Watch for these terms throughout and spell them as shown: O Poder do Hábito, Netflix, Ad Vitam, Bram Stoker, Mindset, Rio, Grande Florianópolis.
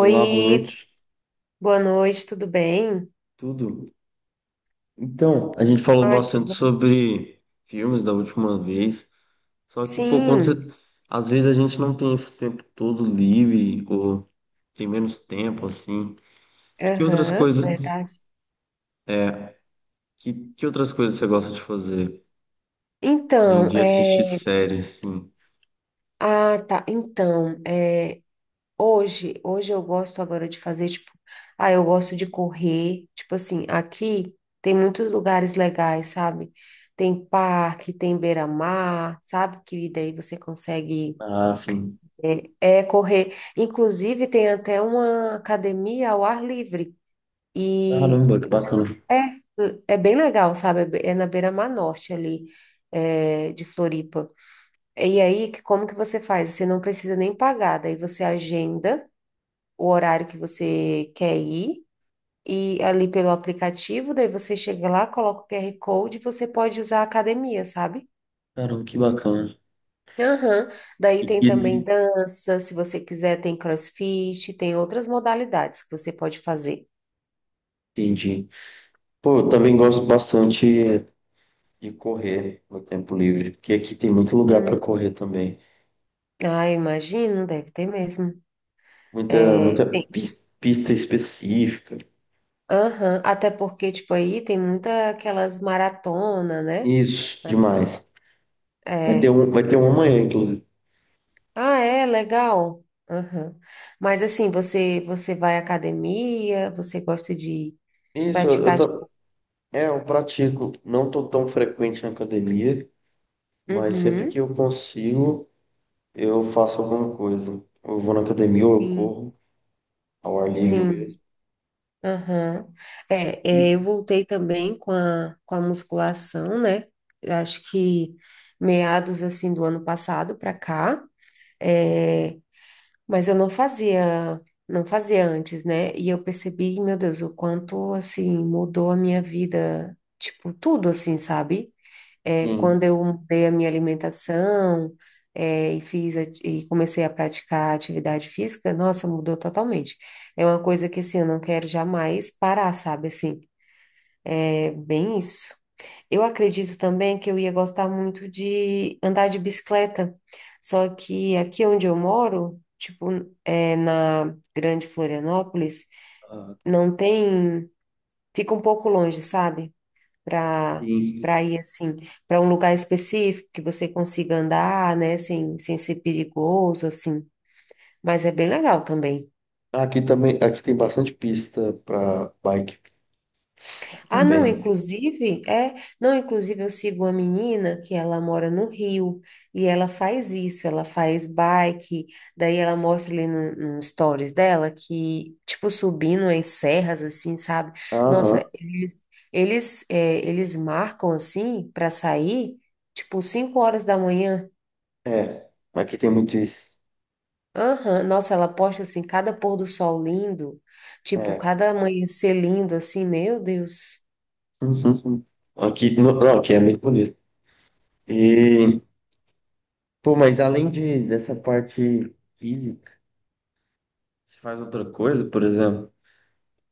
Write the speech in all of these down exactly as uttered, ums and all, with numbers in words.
Olá, boa noite. boa noite, tudo bem? Tudo? Então, a gente falou Ai, que bastante bom. sobre filmes da última vez, só que, pô, quando você... Sim, Às vezes a gente não tem esse tempo todo livre, ou tem menos tempo, assim. Que outras aham, coisas, verdade. é, que, que outras coisas você gosta de fazer, além Então, de assistir é... séries, assim? Ah, tá, então, é... Hoje, hoje eu gosto agora de fazer, tipo, ah, eu gosto de correr, tipo assim, aqui tem muitos lugares legais, sabe? Tem parque, tem beira-mar, sabe? Que daí você consegue, Ah, sim. é, é correr. Inclusive, tem até uma academia ao ar livre. E Caramba, que você bacana. não- é, é bem legal, sabe? É be- é na beira-mar norte ali, é, de Floripa. E aí, que- como que você faz? Você não precisa nem pagar, daí você agenda o horário que você quer ir, e ali pelo aplicativo, daí você chega lá, coloca o Q R Code e você pode usar a academia, sabe? Caramba, que bacana. Aham. Daí E, tem também e- dança, se você quiser, tem CrossFit, tem outras modalidades que você pode fazer. entendi. Pô, eu também gosto bastante de correr no tempo livre, porque aqui tem muito lugar para Hum. correr também. Ah, eu imagino, deve ter mesmo. Muita, muita pis- pista específica. Aham, Até porque, tipo, aí tem muita aquelas maratona, né? Isso, Assim, demais. Vai ter é. um, vai ter um amanhã, inclusive. Ah, é, legal. Aham. Mas assim, você você vai à academia, você gosta de Isso, eu, eu, praticar, tam- tipo, é, eu pratico. Não tô tão frequente na academia, mas sempre que uhum, eu consigo, eu faço alguma coisa. Ou eu vou na academia ou eu sim, corro ao ar livre sim, mesmo. aham. É, é, eu E voltei também com a, com a musculação, né? Eu Acho que meados, assim, do ano passado para cá. É. Mas eu não fazia, não fazia antes, né? E eu percebi, meu Deus, o quanto assim mudou a minha vida, tipo, tudo assim, sabe? É, sim, quando eu mudei a minha alimentação, é, e fiz a- e comecei a praticar atividade física, nossa, mudou totalmente. É uma coisa que assim, eu não quero jamais parar, sabe? Assim, é bem isso. Eu acredito também que eu ia gostar muito de andar de bicicleta, só que aqui onde eu moro, tipo, é, na Grande Florianópolis, ah, não tem, fica um pouco longe, sabe? Para sim. Para ir assim, para um lugar específico que você consiga andar, né, sem, sem ser perigoso assim, mas é bem legal também. Aqui também, aqui tem bastante pista para bike Ah, não, também. inclusive, é, não, inclusive eu sigo uma menina que ela mora no Rio e ela faz isso, ela faz bike, daí ela mostra ali no, no stories dela que, tipo, subindo em serras, assim, sabe? Aham, Nossa, eles, eles, é, Eles marcam, assim, para sair, tipo, cinco horas da manhã. é. Aqui tem muito isso. Aham, Nossa, ela posta, assim, cada pôr do sol lindo, tipo, É. cada amanhecer lindo, assim, meu Deus, Uhum. Aqui, não, não, aqui é muito bonito. E, pô, mas além de, dessa parte física, você faz outra coisa, por exemplo,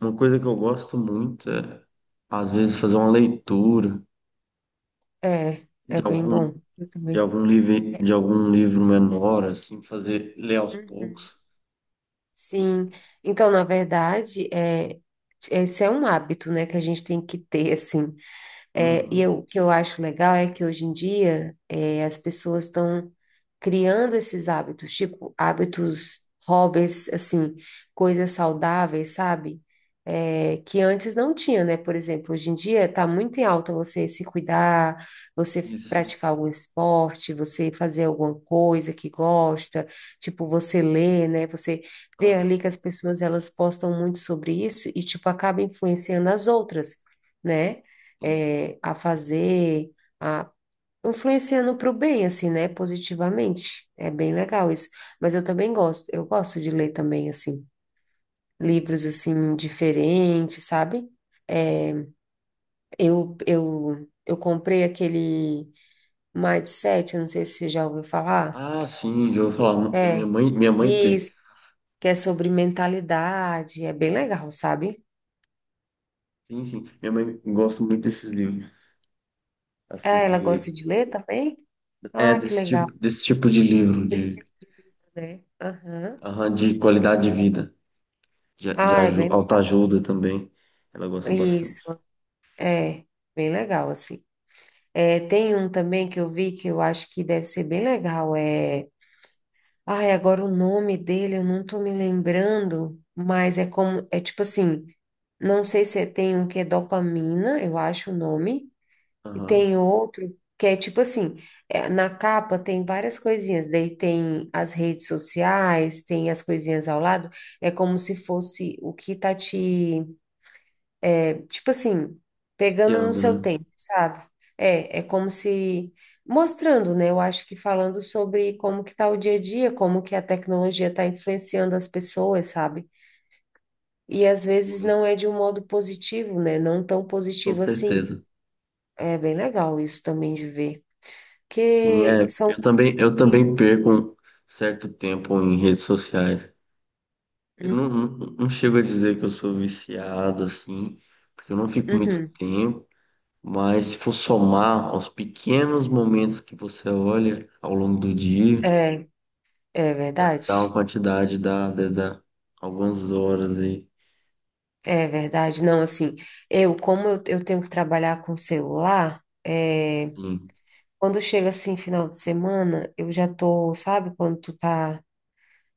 uma coisa que eu gosto muito é, às vezes, fazer uma leitura é, de é bem algum, bom, eu de também. algum livro, de algum livro menor, assim, fazer, ler aos Uhum. poucos. Sim, então, na verdade, é, esse é um hábito, né, que a gente tem que ter, assim, é, e Uhum, eu- o que eu acho legal é que hoje em dia é, as pessoas estão criando esses hábitos, tipo hábitos, hobbies, assim, coisas saudáveis, sabe? É, que antes não tinha, né? Por exemplo, hoje em dia está muito em alta você se cuidar, você isso. praticar algum esporte, você fazer alguma coisa que gosta, tipo você ler, né? Você vê Ah, ali que as pessoas elas postam muito sobre isso e tipo acaba influenciando as outras né? sim, eh, A fazer, a influenciando para o bem, assim, né? Positivamente. É bem legal isso. Mas eu também gosto, eu gosto de ler também, assim, entendi. livros, assim, diferentes, sabe? Eu, eu, eu comprei aquele Mindset, eu não sei se você já ouviu falar. Ah, sim, já ouvi falar. Minha É. mãe, minha mãe tem. Isso, que é sobre mentalidade, é bem legal, sabe? Sim, sim. Minha mãe gosta muito desses livros, assim, Ah, ela gosta de, de ler também? é, Ah, que desse tipo, legal. desse tipo de livro, Esse de, tipo de livro, né? Aham. aham, de qualidade de vida. De, de Ah, é aju- bem legal. autoajuda também. Ela gosta bastante. Isso, é, bem legal, assim. É, tem um também que eu vi que eu acho que deve ser bem legal. É... Ai, agora o nome dele eu não tô me lembrando, mas é como, é tipo assim, não sei se é- tem um que é dopamina, eu acho o nome, e Aham. tem outro que é tipo assim, é, na capa tem várias coisinhas, daí tem as redes sociais, tem as coisinhas ao lado, é como se fosse o que tá te é, tipo assim, E pegando no ando, seu né? tempo, sabe? É, é como se mostrando, né? Eu acho que falando sobre como que tá o dia a dia, como que a tecnologia está influenciando as pessoas, sabe? E às vezes Sim, não é de um modo positivo, né? Não tão com positivo assim. certeza. É bem legal isso também de ver, Sim, porque é. são Eu coisas também, eu que também perco um certo tempo em redes sociais. Eu hum, não, não, não chego a dizer que eu sou viciado, assim, porque eu não fico muito uhum. tempo. Mas se for somar aos pequenos momentos que você olha ao longo do dia, É, é dá, verdade. dá uma quantidade, dá, dá, dá algumas horas aí. É verdade. Não, assim, eu, como eu, eu tenho que trabalhar com celular, é Sim, quando chega assim, final de semana, eu já tô, sabe, quando tu tá.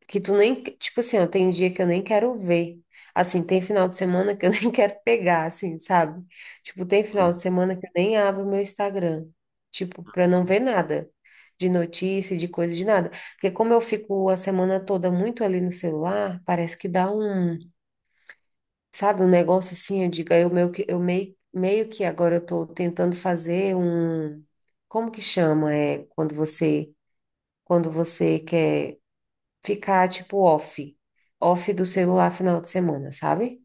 Que tu nem. Tipo assim, ó, tem dia que eu nem quero ver. Assim, tem final de semana que eu nem quero pegar, assim, sabe? Tipo, tem final de é. semana que eu nem abro meu Instagram. Tipo, pra não ver nada de notícia, de coisa, de nada. Porque como eu fico a semana toda muito ali no celular, parece que dá um, sabe, um negócio assim, eu digo, aí eu meio que, eu meio, meio que agora eu tô tentando fazer um. Como que chama? É quando você quando você quer ficar, tipo, off, off do celular final de semana, sabe?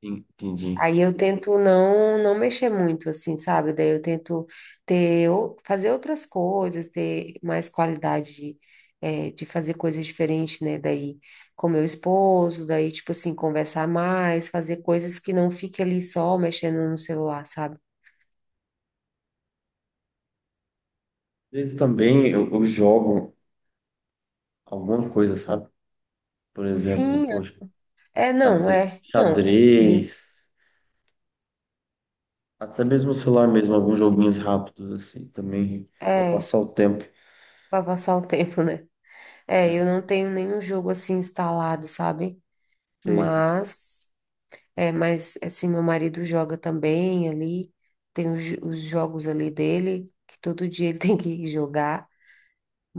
Entendi. Aí eu tento não não mexer muito, assim, sabe? Daí eu tento ter, ou- fazer outras coisas, ter mais qualidade de, eh, de fazer coisas diferentes, né? Daí com meu esposo, daí, tipo assim, conversar mais, fazer coisas que não fique ali só mexendo no celular, sabe? Às vezes também eu, eu jogo alguma coisa, sabe? Por exemplo, Sim, poxa, é, é, não, xadre- é, não, sim, xadrez, até mesmo no celular mesmo, alguns joguinhos rápidos assim também, para é, passar o tempo. para passar o tempo, né? É, É, eu não tenho nenhum jogo assim instalado, sabe? sei. Mas, é, mas assim, meu marido joga também ali, tem os, jo- os jogos ali dele, que todo dia ele tem que jogar,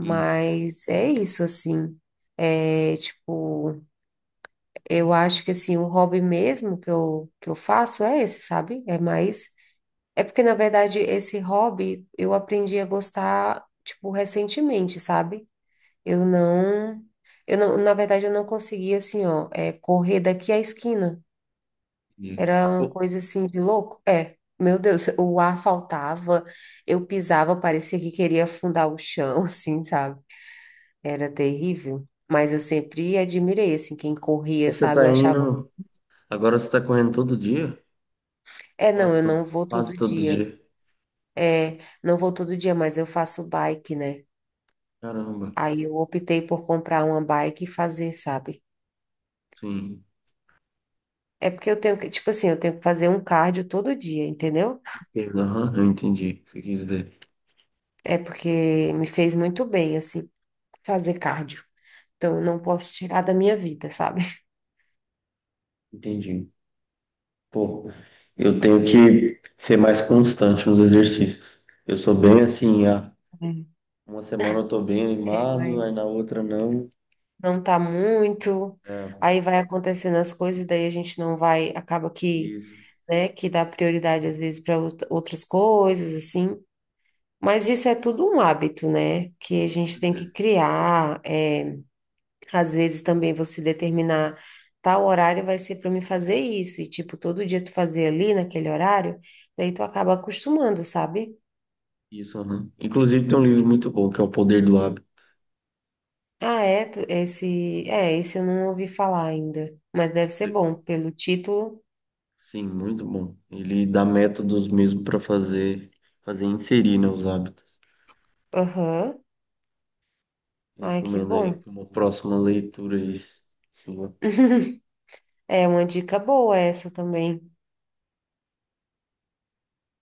Hum, é isso, assim. É, tipo, eu acho que assim, o hobby mesmo que eu, que eu faço é esse, sabe? É mais. É porque, na verdade, esse hobby eu aprendi a gostar, tipo, recentemente, sabe? Eu não, eu não, na verdade, eu não conseguia assim, ó, é, correr daqui à esquina. hum. Era uma Pô, coisa assim de louco. É, meu Deus, o ar faltava, eu pisava, parecia que queria afundar o chão, assim, sabe? Era terrível. Mas eu sempre admirei, assim, quem e corria, você sabe? Eu tá achava, indo, agora você tá correndo todo dia? é, não, Quase eu todo, não vou quase todo todo dia. dia. É, não vou todo dia, mas eu faço bike, né? Caramba, Aí eu optei por comprar uma bike e fazer, sabe? sim. É porque eu tenho que, tipo assim, eu tenho que fazer um cardio todo dia, entendeu? Aham, eu entendi o que você quis dizer. É porque me fez muito bem, assim, fazer cardio. Então, eu não posso tirar da minha vida, sabe? Entendi. Pô, eu tenho que ser mais constante nos exercícios. Eu sou bem assim, ah, Uhum. uma semana eu tô bem É, animado, aí na mas outra não. não tá muito. É, Aí vai acontecendo as coisas, daí a gente não vai, acaba que, isso, né, que dá prioridade às vezes para outras coisas, assim. Mas isso é tudo um hábito, né? Que a gente com tem que certeza. criar. É. Às vezes também você determinar tal horário vai ser para me fazer isso, e tipo, todo dia tu fazer ali naquele horário, daí tu acaba acostumando, sabe? Isso, aham. Inclusive tem um livro muito bom que é O Poder do Hábito. Ah, é, tu- esse, é, esse eu não ouvi falar ainda, mas deve ser bom, pelo título. Sim, muito bom. Ele dá métodos mesmo para fazer, fazer inserir, né, os hábitos. Aham. Ai, que Recomendo aí bom. como próxima leitura isso. Sua. É uma dica boa essa também.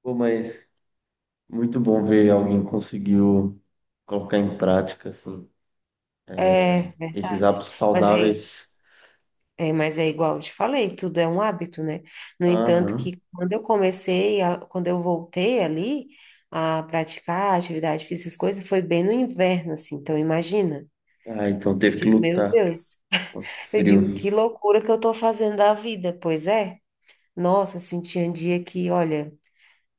Pô, mas muito bom ver alguém conseguiu colocar em prática assim É, esses verdade. hábitos Mas aí saudáveis. é, mas é igual eu te falei, tudo é um hábito, né? No entanto, Aham. que quando eu comecei, a- quando eu voltei ali a praticar atividade física, essas coisas, foi bem no inverno, assim. Então, imagina. Ah, então Eu teve que digo, meu lutar. Deus. Pô, que Eu frio. digo, que loucura que eu tô fazendo da vida. Pois é. Nossa, assim, tinha um dia que, olha,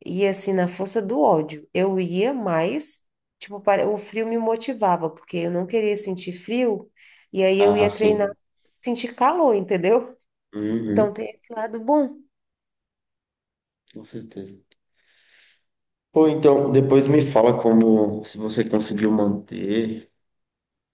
ia assim na força do ódio. Eu ia mais, tipo, para... o frio me motivava, porque eu não queria sentir frio. E aí eu Ah, ia treinar, sim. sentir calor, entendeu? Uhum. Então tem esse lado bom. Com certeza. Pô, então, depois me fala como se você conseguiu manter.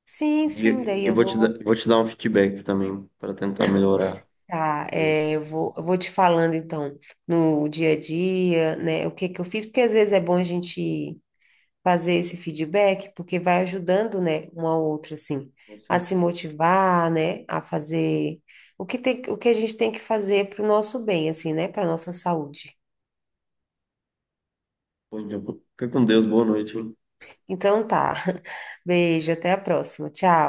Sim, E eu, sim, daí eu eu vou te dar, vou eu vou te dar um feedback também para tentar melhorar. tá, é, Mas, eu vou, eu vou te falando então no dia a dia, né, o que que eu fiz, porque às vezes é bom a gente fazer esse feedback, porque vai ajudando, né, uma ao outro assim, com a se certeza. motivar, né, a fazer o que tem, o que a gente tem que fazer para o nosso bem, assim, né, para nossa saúde. Bom dia. Fica com Deus, boa noite. Então tá. Beijo, até a próxima. Tchau.